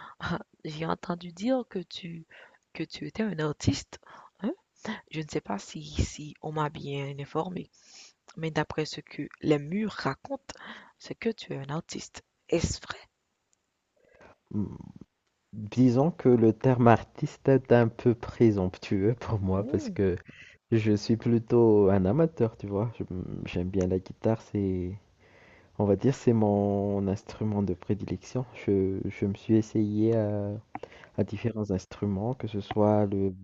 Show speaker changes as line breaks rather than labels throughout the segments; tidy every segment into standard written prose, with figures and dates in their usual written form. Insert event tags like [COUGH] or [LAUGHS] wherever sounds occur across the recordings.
[LAUGHS] Ah, j'ai entendu dire que tu étais un artiste, hein? Je ne sais pas si on m'a bien informé, mais d'après ce que les murs racontent, c'est que tu es un artiste. Est-ce vrai?
Mm. Disons que le terme artiste est un peu présomptueux [LAUGHS] pour moi parce
Hmm,
que je suis plutôt un amateur, tu vois. J'aime bien la guitare, c'est, on va dire, c'est mon instrument de prédilection. Je me suis essayé à différents instruments, que ce soit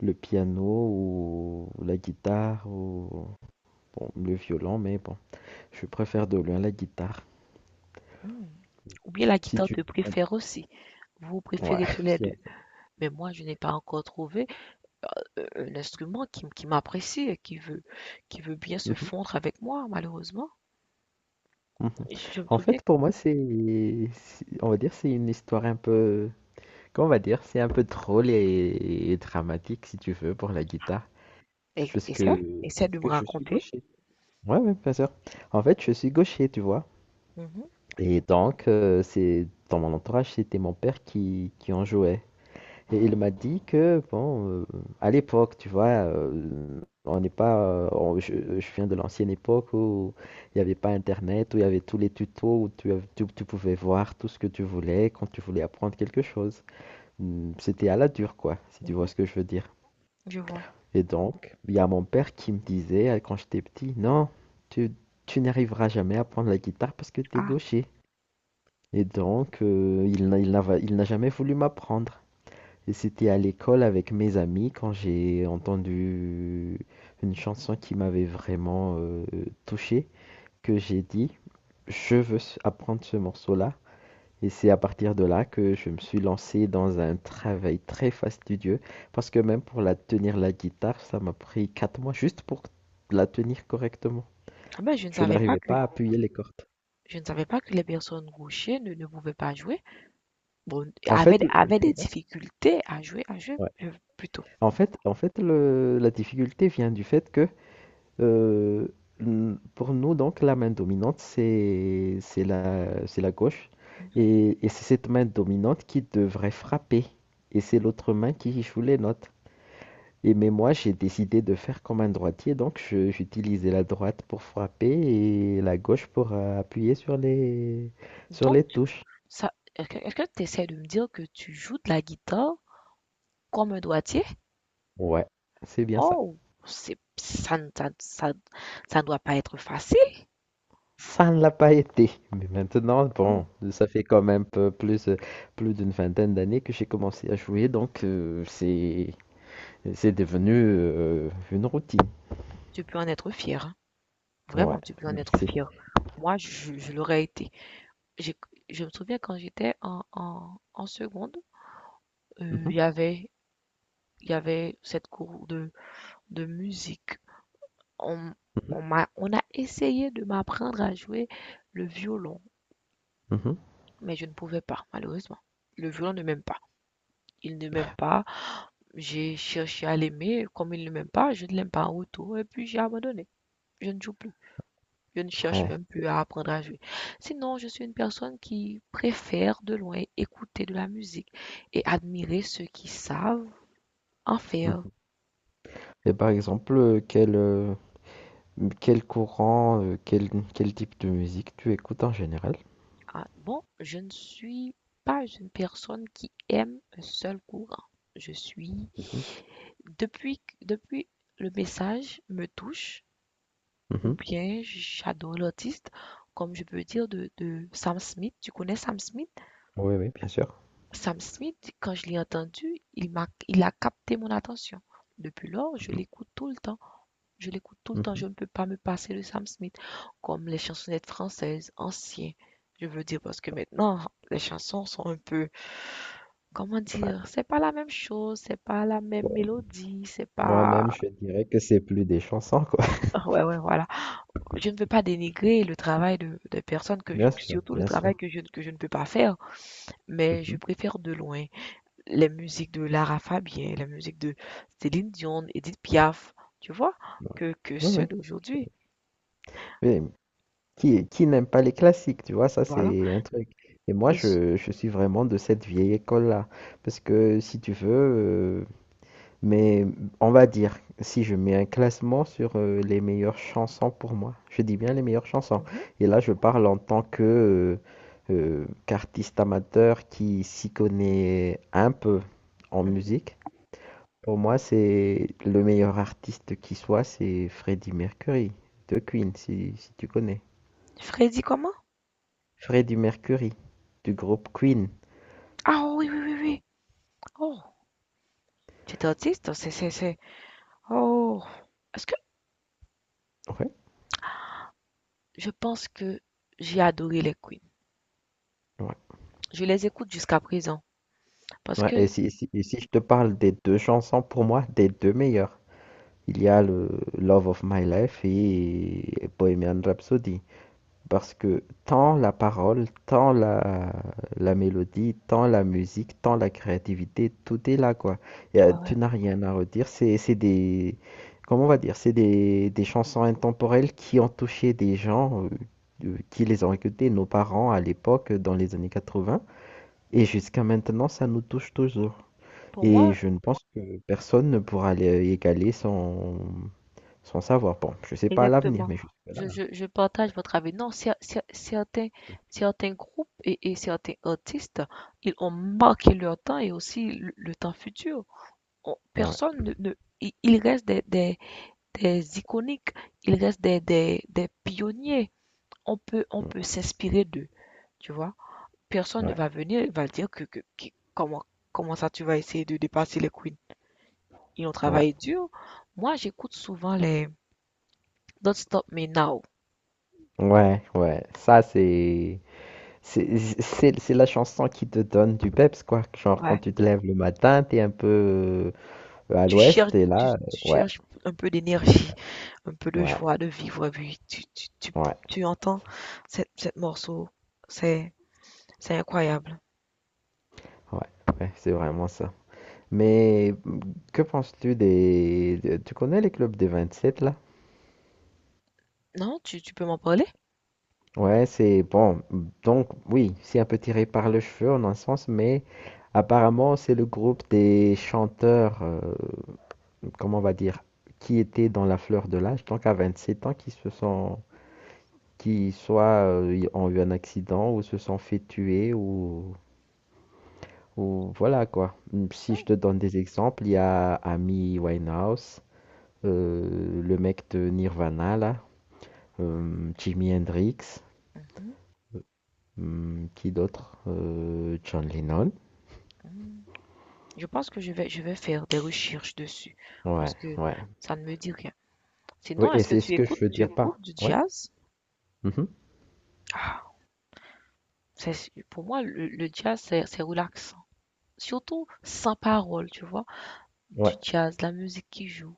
le piano ou la guitare ou bon, le violon, mais bon, je préfère de loin la guitare.
hmm. Ou bien la
Si
guitare
tu...
te préfère aussi. Vous
Ouais,
préférez tous les
[LAUGHS] si-
deux. Mais moi, je n'ai pas encore trouvé un instrument qui m'apprécie et qui veut bien se fondre avec moi, malheureusement.
Mhm.
Je me
En
souviens.
fait, pour moi, c'est, on va dire, c'est une histoire un peu, comment on va dire, c'est un peu drôle et dramatique, si tu veux, pour la guitare,
Et,
parce
et ça?
que,
Essaie
parce
de me
que je suis
raconter.
gaucher. Ouais, ouais, bien sûr. En fait, je suis gaucher, tu vois.
Mhm,
Et donc, c'est dans mon entourage, c'était mon père qui en jouait. Et il m'a dit que, bon, à l'époque, tu vois, on n'est pas. Je viens de l'ancienne époque où il n'y avait pas Internet, où il y avait tous les tutos, où tu pouvais voir tout ce que tu voulais quand tu voulais apprendre quelque chose. C'était à la dure, quoi, si tu vois
mhm.
ce que je veux dire.
Je vois.
Et donc, il y a mon père qui me disait, quand j'étais petit, non, tu, tu n'arriveras jamais à prendre la guitare parce que tu es
Ah.
gaucher. Et donc, il n'a jamais voulu m'apprendre. Et c'était à l'école avec mes amis quand j'ai entendu une chanson qui m'avait vraiment touché, que j'ai dit, je veux apprendre ce morceau-là. Et c'est à partir de là que je me suis lancé dans un travail très fastidieux, parce que même pour la tenir la guitare, ça m'a pris 4 mois juste pour la tenir correctement.
Ah ben, je ne
Je
savais pas
n'arrivais
que
pas à appuyer les cordes.
je ne savais pas que les personnes gauchères ne pouvaient pas jouer. Bon,
En fait,
avaient
tu
des
vois?
difficultés à jouer,
Ouais.
plutôt.
En fait la difficulté vient du fait que Euh, pour nous, donc, la main dominante, c'est la gauche.
Mhm.
Et c'est cette main dominante qui devrait frapper. Et c'est l'autre main qui joue les notes. Et mais moi, j'ai décidé de faire comme un droitier, donc j'utilisais la droite pour frapper et la gauche pour appuyer sur
Donc,
les touches.
ça, est-ce que tu essaies de me dire que tu joues de la guitare comme un droitier?
Ouais, c'est bien ça.
Oh, c'est, ça, ne- ça ne doit pas être facile.
Ça ne l'a pas été. Mais maintenant, bon,
Oh,
ça fait quand même plus, plus d'une vingtaine d'années que j'ai commencé à jouer, donc c'est devenu une routine.
tu peux en être fier, hein.
Ouais,
Vraiment, tu peux en être
merci.
fier. Moi, je l'aurais été. J'ai- je me souviens quand j'étais en seconde, euh,
Mhm,
il y avait, il y avait cette cour de musique. On,
mhm,
on on a essayé de m'apprendre à jouer le violon,
mhm,
mais je ne pouvais pas, malheureusement. Le violon ne m'aime pas. Il ne m'aime pas. J'ai cherché à l'aimer. Comme il ne m'aime pas, je ne l'aime pas en retour. Et puis j'ai abandonné. Je ne joue plus. Je ne cherche
ouais,
même plus à apprendre à jouer. Sinon, je suis une personne qui préfère de loin écouter de la musique et admirer ceux qui savent en faire.
mhm. Et par exemple, quel, quel courant, quel, quel type de musique tu écoutes en général?
Ah, bon, je ne suis pas une personne qui aime un seul courant. Je suis,
Mhm,
depuis le message me touche, ou
mhm.
bien j'adore l'artiste, comme je peux dire de Sam Smith. Tu connais Sam Smith?
Oui, oui, bien sûr.
Sam Smith, quand je l'ai entendu, il a capté mon attention. Depuis lors, je
Mhm,
l'écoute tout le temps. Je l'écoute tout le temps,
mhm.
je ne peux pas me passer de Sam Smith, comme les chansonnettes françaises anciennes. Je veux dire, parce que maintenant, les chansons sont un peu, comment dire,
Ouais.
c'est pas la même chose, c'est pas la même
Bon,
mélodie, c'est
moi-même,
pas.
je dirais que c'est plus des chansons, quoi. [LAUGHS]
Ouais, ouais, voilà. Je ne veux pas dénigrer le travail des personnes
Bien sûr,
surtout le
bien
travail
sûr.
que je ne peux pas faire, mais je
Mhm.
préfère de loin les musiques de Lara Fabian, les musiques de Céline Dion, Edith Piaf, tu vois,
Ouais.
que
Ouais,
ceux
ouais.
d'aujourd'hui.
Mais qui n'aime pas les classiques, tu vois, ça
Voilà.
c'est un truc. Et moi,
Et,
je suis vraiment de cette vieille école-là. Parce que si tu veux, mais on va dire, si je mets un classement sur les meilleures chansons pour moi, je dis bien les meilleures chansons. Et là, je parle en tant que euh, qu'artiste amateur qui s'y connaît un peu en
Mmh
musique. Pour moi, c'est le meilleur artiste qui soit, c'est Freddie Mercury de Queen, si, si tu connais.
Freddy comment?
Freddie Mercury du groupe Queen.
Ah oui, oui, oui, oui. Oh, tu étais autiste? C'est Oh. Est-ce que
Ouais,
je pense que j'ai adoré les Queens.
ouais.
Je les écoute jusqu'à présent parce
Ouais,
que,
et si je te parle des deux chansons, pour moi, des deux meilleures, il y a le Love of My Life et Bohemian Rhapsody. Parce que tant la parole, tant la, la mélodie, tant la musique, tant la créativité, tout est là, quoi.
ouais, ouais.
Tu n'as rien à redire. C'est des, comment on va dire, c'est des chansons intemporelles qui ont touché des gens, qui les ont écoutées, nos parents à l'époque, dans les années 80. Et jusqu'à maintenant, ça nous touche toujours.
Pour
Et
moi,
je ne pense que personne ne pourra les égaler son, son savoir. Bon, je sais pas à l'avenir,
exactement.
mais jusque-là.
Je
Ouais,
partage votre avis. Non, certains groupes et certains artistes, ils ont marqué leur temps et aussi le temps futur. On-
ouais,
personne ne, ne- Il reste des iconiques, il reste des pionniers. on peut, on
ouais.
peut s'inspirer d'eux, tu vois. Personne ne
Ouais.
va venir et va dire comment, comment ça tu vas essayer de dépasser les queens. Ils ont
Ouais.
travaillé dur. Moi, j'écoute souvent les Don't Stop Me Now.
Ouais, ouais, ça c'est c'est la chanson qui te donne du peps quoi, genre quand
Ouais.
tu te lèves le matin, t'es un peu à
Tu cherches,
l'ouest et
tu,
là,
tu
ouais,
cherches un peu d'énergie, un peu de
ouais,
joie de vivre. Et puis tu, tu, tu,
ouais,
tu entends cette morceau. C'est, c'est incroyable.
ouais, ouais, c'est vraiment ça. Mais que penses-tu des, de- tu connais les clubs des 27 là?
Non, tu peux m'en parler?
Ouais, c'est bon, donc oui, c'est un peu tiré par le cheveu en un sens, mais apparemment c'est le groupe des chanteurs, comment on va dire, qui étaient dans la fleur de l'âge, donc à 27 ans, qui se sont qui soit ont eu un accident ou se sont fait tuer ou voilà quoi. Si je te donne des exemples, il y a Amy Winehouse, le mec de Nirvana là, Jimi Hendrix,
Mhm,
qui d'autre? John Lennon.
mhm. Je pense que je vais faire des recherches dessus
Ouais,
parce que
ouais.
ça ne me dit rien.
Oui,
Sinon,
et
est-ce que
c'est
tu
ce que je
écoutes,
veux
tu
dire par.
écoutes du
Ouais.
jazz?
Mhm.
Ah, c'est, pour moi, le jazz, c'est relaxant. Surtout sans parole, tu vois. Du
Ouais.
jazz, de la musique qui joue.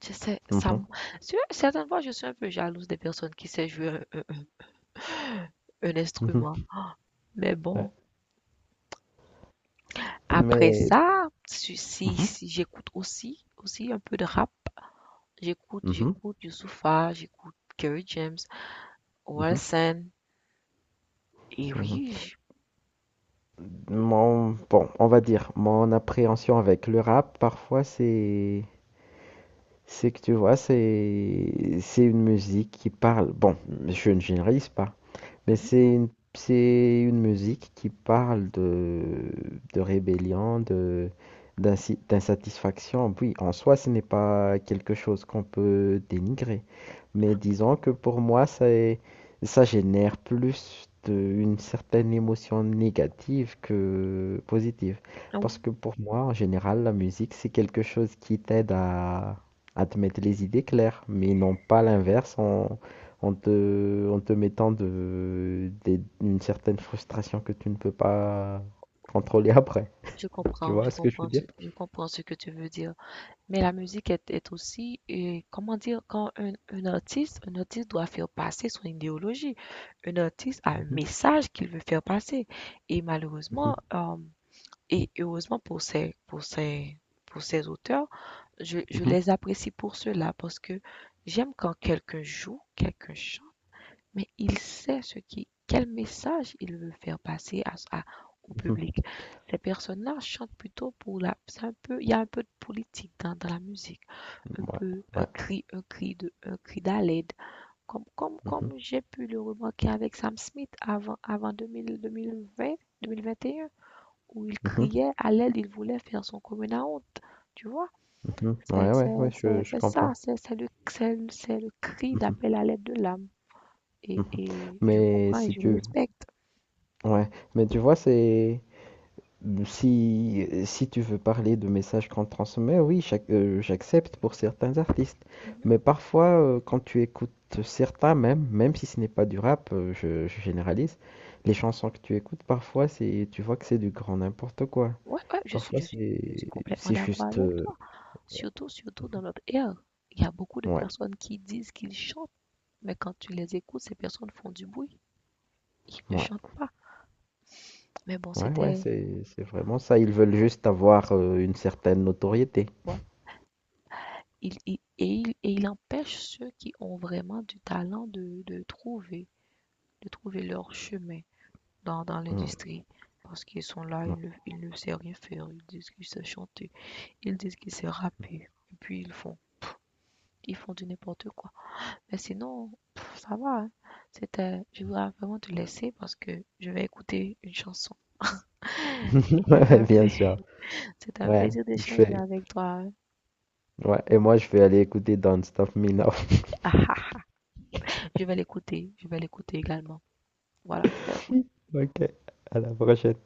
Tu sais,
Mhm,
tu certaines fois, je suis un peu jalouse des personnes qui savent jouer un instrument.
mhm,
Mais
ouais.
bon, après
Mais.
ça, si, si,
Mhm,
si j'écoute aussi un peu de rap, j'écoute,
mhm,
j'écoute Youssoupha, j'écoute Kerry James,
mhm,
Orelsan. Et
mhm.
oui, j-
Mon, bon, on va dire, mon appréhension avec le rap, parfois, c'est que tu vois, c'est une musique qui parle. Bon, je ne généralise pas, mais c'est une musique qui parle de rébellion, de, d'insatisfaction. Oui, en soi, ce n'est pas quelque chose qu'on peut dénigrer. Mais disons que pour moi, ça génère une certaine émotion négative que positive. Parce
mhm.
que pour moi, en général, la musique, c'est quelque chose qui t'aide à te mettre les idées claires, mais non pas l'inverse. En te mettant de, une certaine frustration que tu ne peux pas contrôler après.
Je
Tu
comprends,
vois ce que je veux dire?
je comprends ce que tu veux dire. Mais la musique est aussi, comment dire, quand un artiste, un artiste doit faire passer son idéologie. Un artiste a un
Mhm,
message qu'il veut faire passer. Et
mhm,
malheureusement, et heureusement pour ces auteurs, je
mhm,
les apprécie pour cela parce que j'aime quand quelqu'un joue, quelqu'un chante mais il sait quel message il veut faire passer au
mhm.
public. Ces personnes-là chantent plutôt pour la, c'est un peu, il y a un peu de politique dans la musique, un
Ouais,
peu
ouais.
un cri de, un cri d'aide, comme, comme,
Mhm,
comme j'ai pu le remarquer avec Sam Smith avant, 2000, 2020, 2021, où il
mhm,
criait à l'aide, il voulait faire son commun à honte, tu vois?
mhm. Ouais,
C'est
ouais, ouais,
c'est- c'est-
je
c'est ça,
comprends.
c'est le cri
Mhm,
d'appel à l'aide de l'âme. Et,
mhm.
et je
Mais
comprends et
si
je
tu...
respecte.
Ouais, mais tu vois, c'est... Si, si tu veux parler de messages qu'on transmet, oui, j'accepte pour certains artistes.
Mhm.
Mais parfois, quand tu écoutes certains, même, même si ce n'est pas du rap, je généralise, les chansons que tu écoutes, parfois, c'est, tu vois que c'est du grand n'importe quoi.
Ouais, ouais, je suis,
Parfois,
je suis, je suis complètement
c'est
d'accord
juste...
avec toi. Surtout dans notre ère. Il y a beaucoup de
ouais,
personnes qui disent qu'ils chantent, mais quand tu les écoutes, ces personnes font du bruit. Ils ne
ouais,
chantent pas. Mais bon,
ouais, ouais,
c'était,
c'est vraiment ça. Ils veulent juste avoir une certaine notoriété.
ouais. Et et il empêche ceux qui ont vraiment du talent de trouver, de trouver leur chemin dans
Ouais,
l'industrie. Parce qu'ils sont là,
ouais.
ils ne savent rien faire. Ils disent qu'ils savent chanter. Ils disent qu'ils savent rapper. Et puis ils font du n'importe quoi. Mais sinon, pff, ça va, hein. C'était, je voudrais vraiment te laisser parce que je vais écouter une chanson.
[LAUGHS]
C'est
Ouais,
un
bien sûr.
plaisir, [LAUGHS] c'est un
Ouais,
plaisir
je
d'échanger
fais.
avec toi.
Ouais, et moi je vais aller écouter Don't Stop Me Now. [LAUGHS]
[LAUGHS] Je vais l'écouter également. Voilà, merci.
Ok, à la prochaine.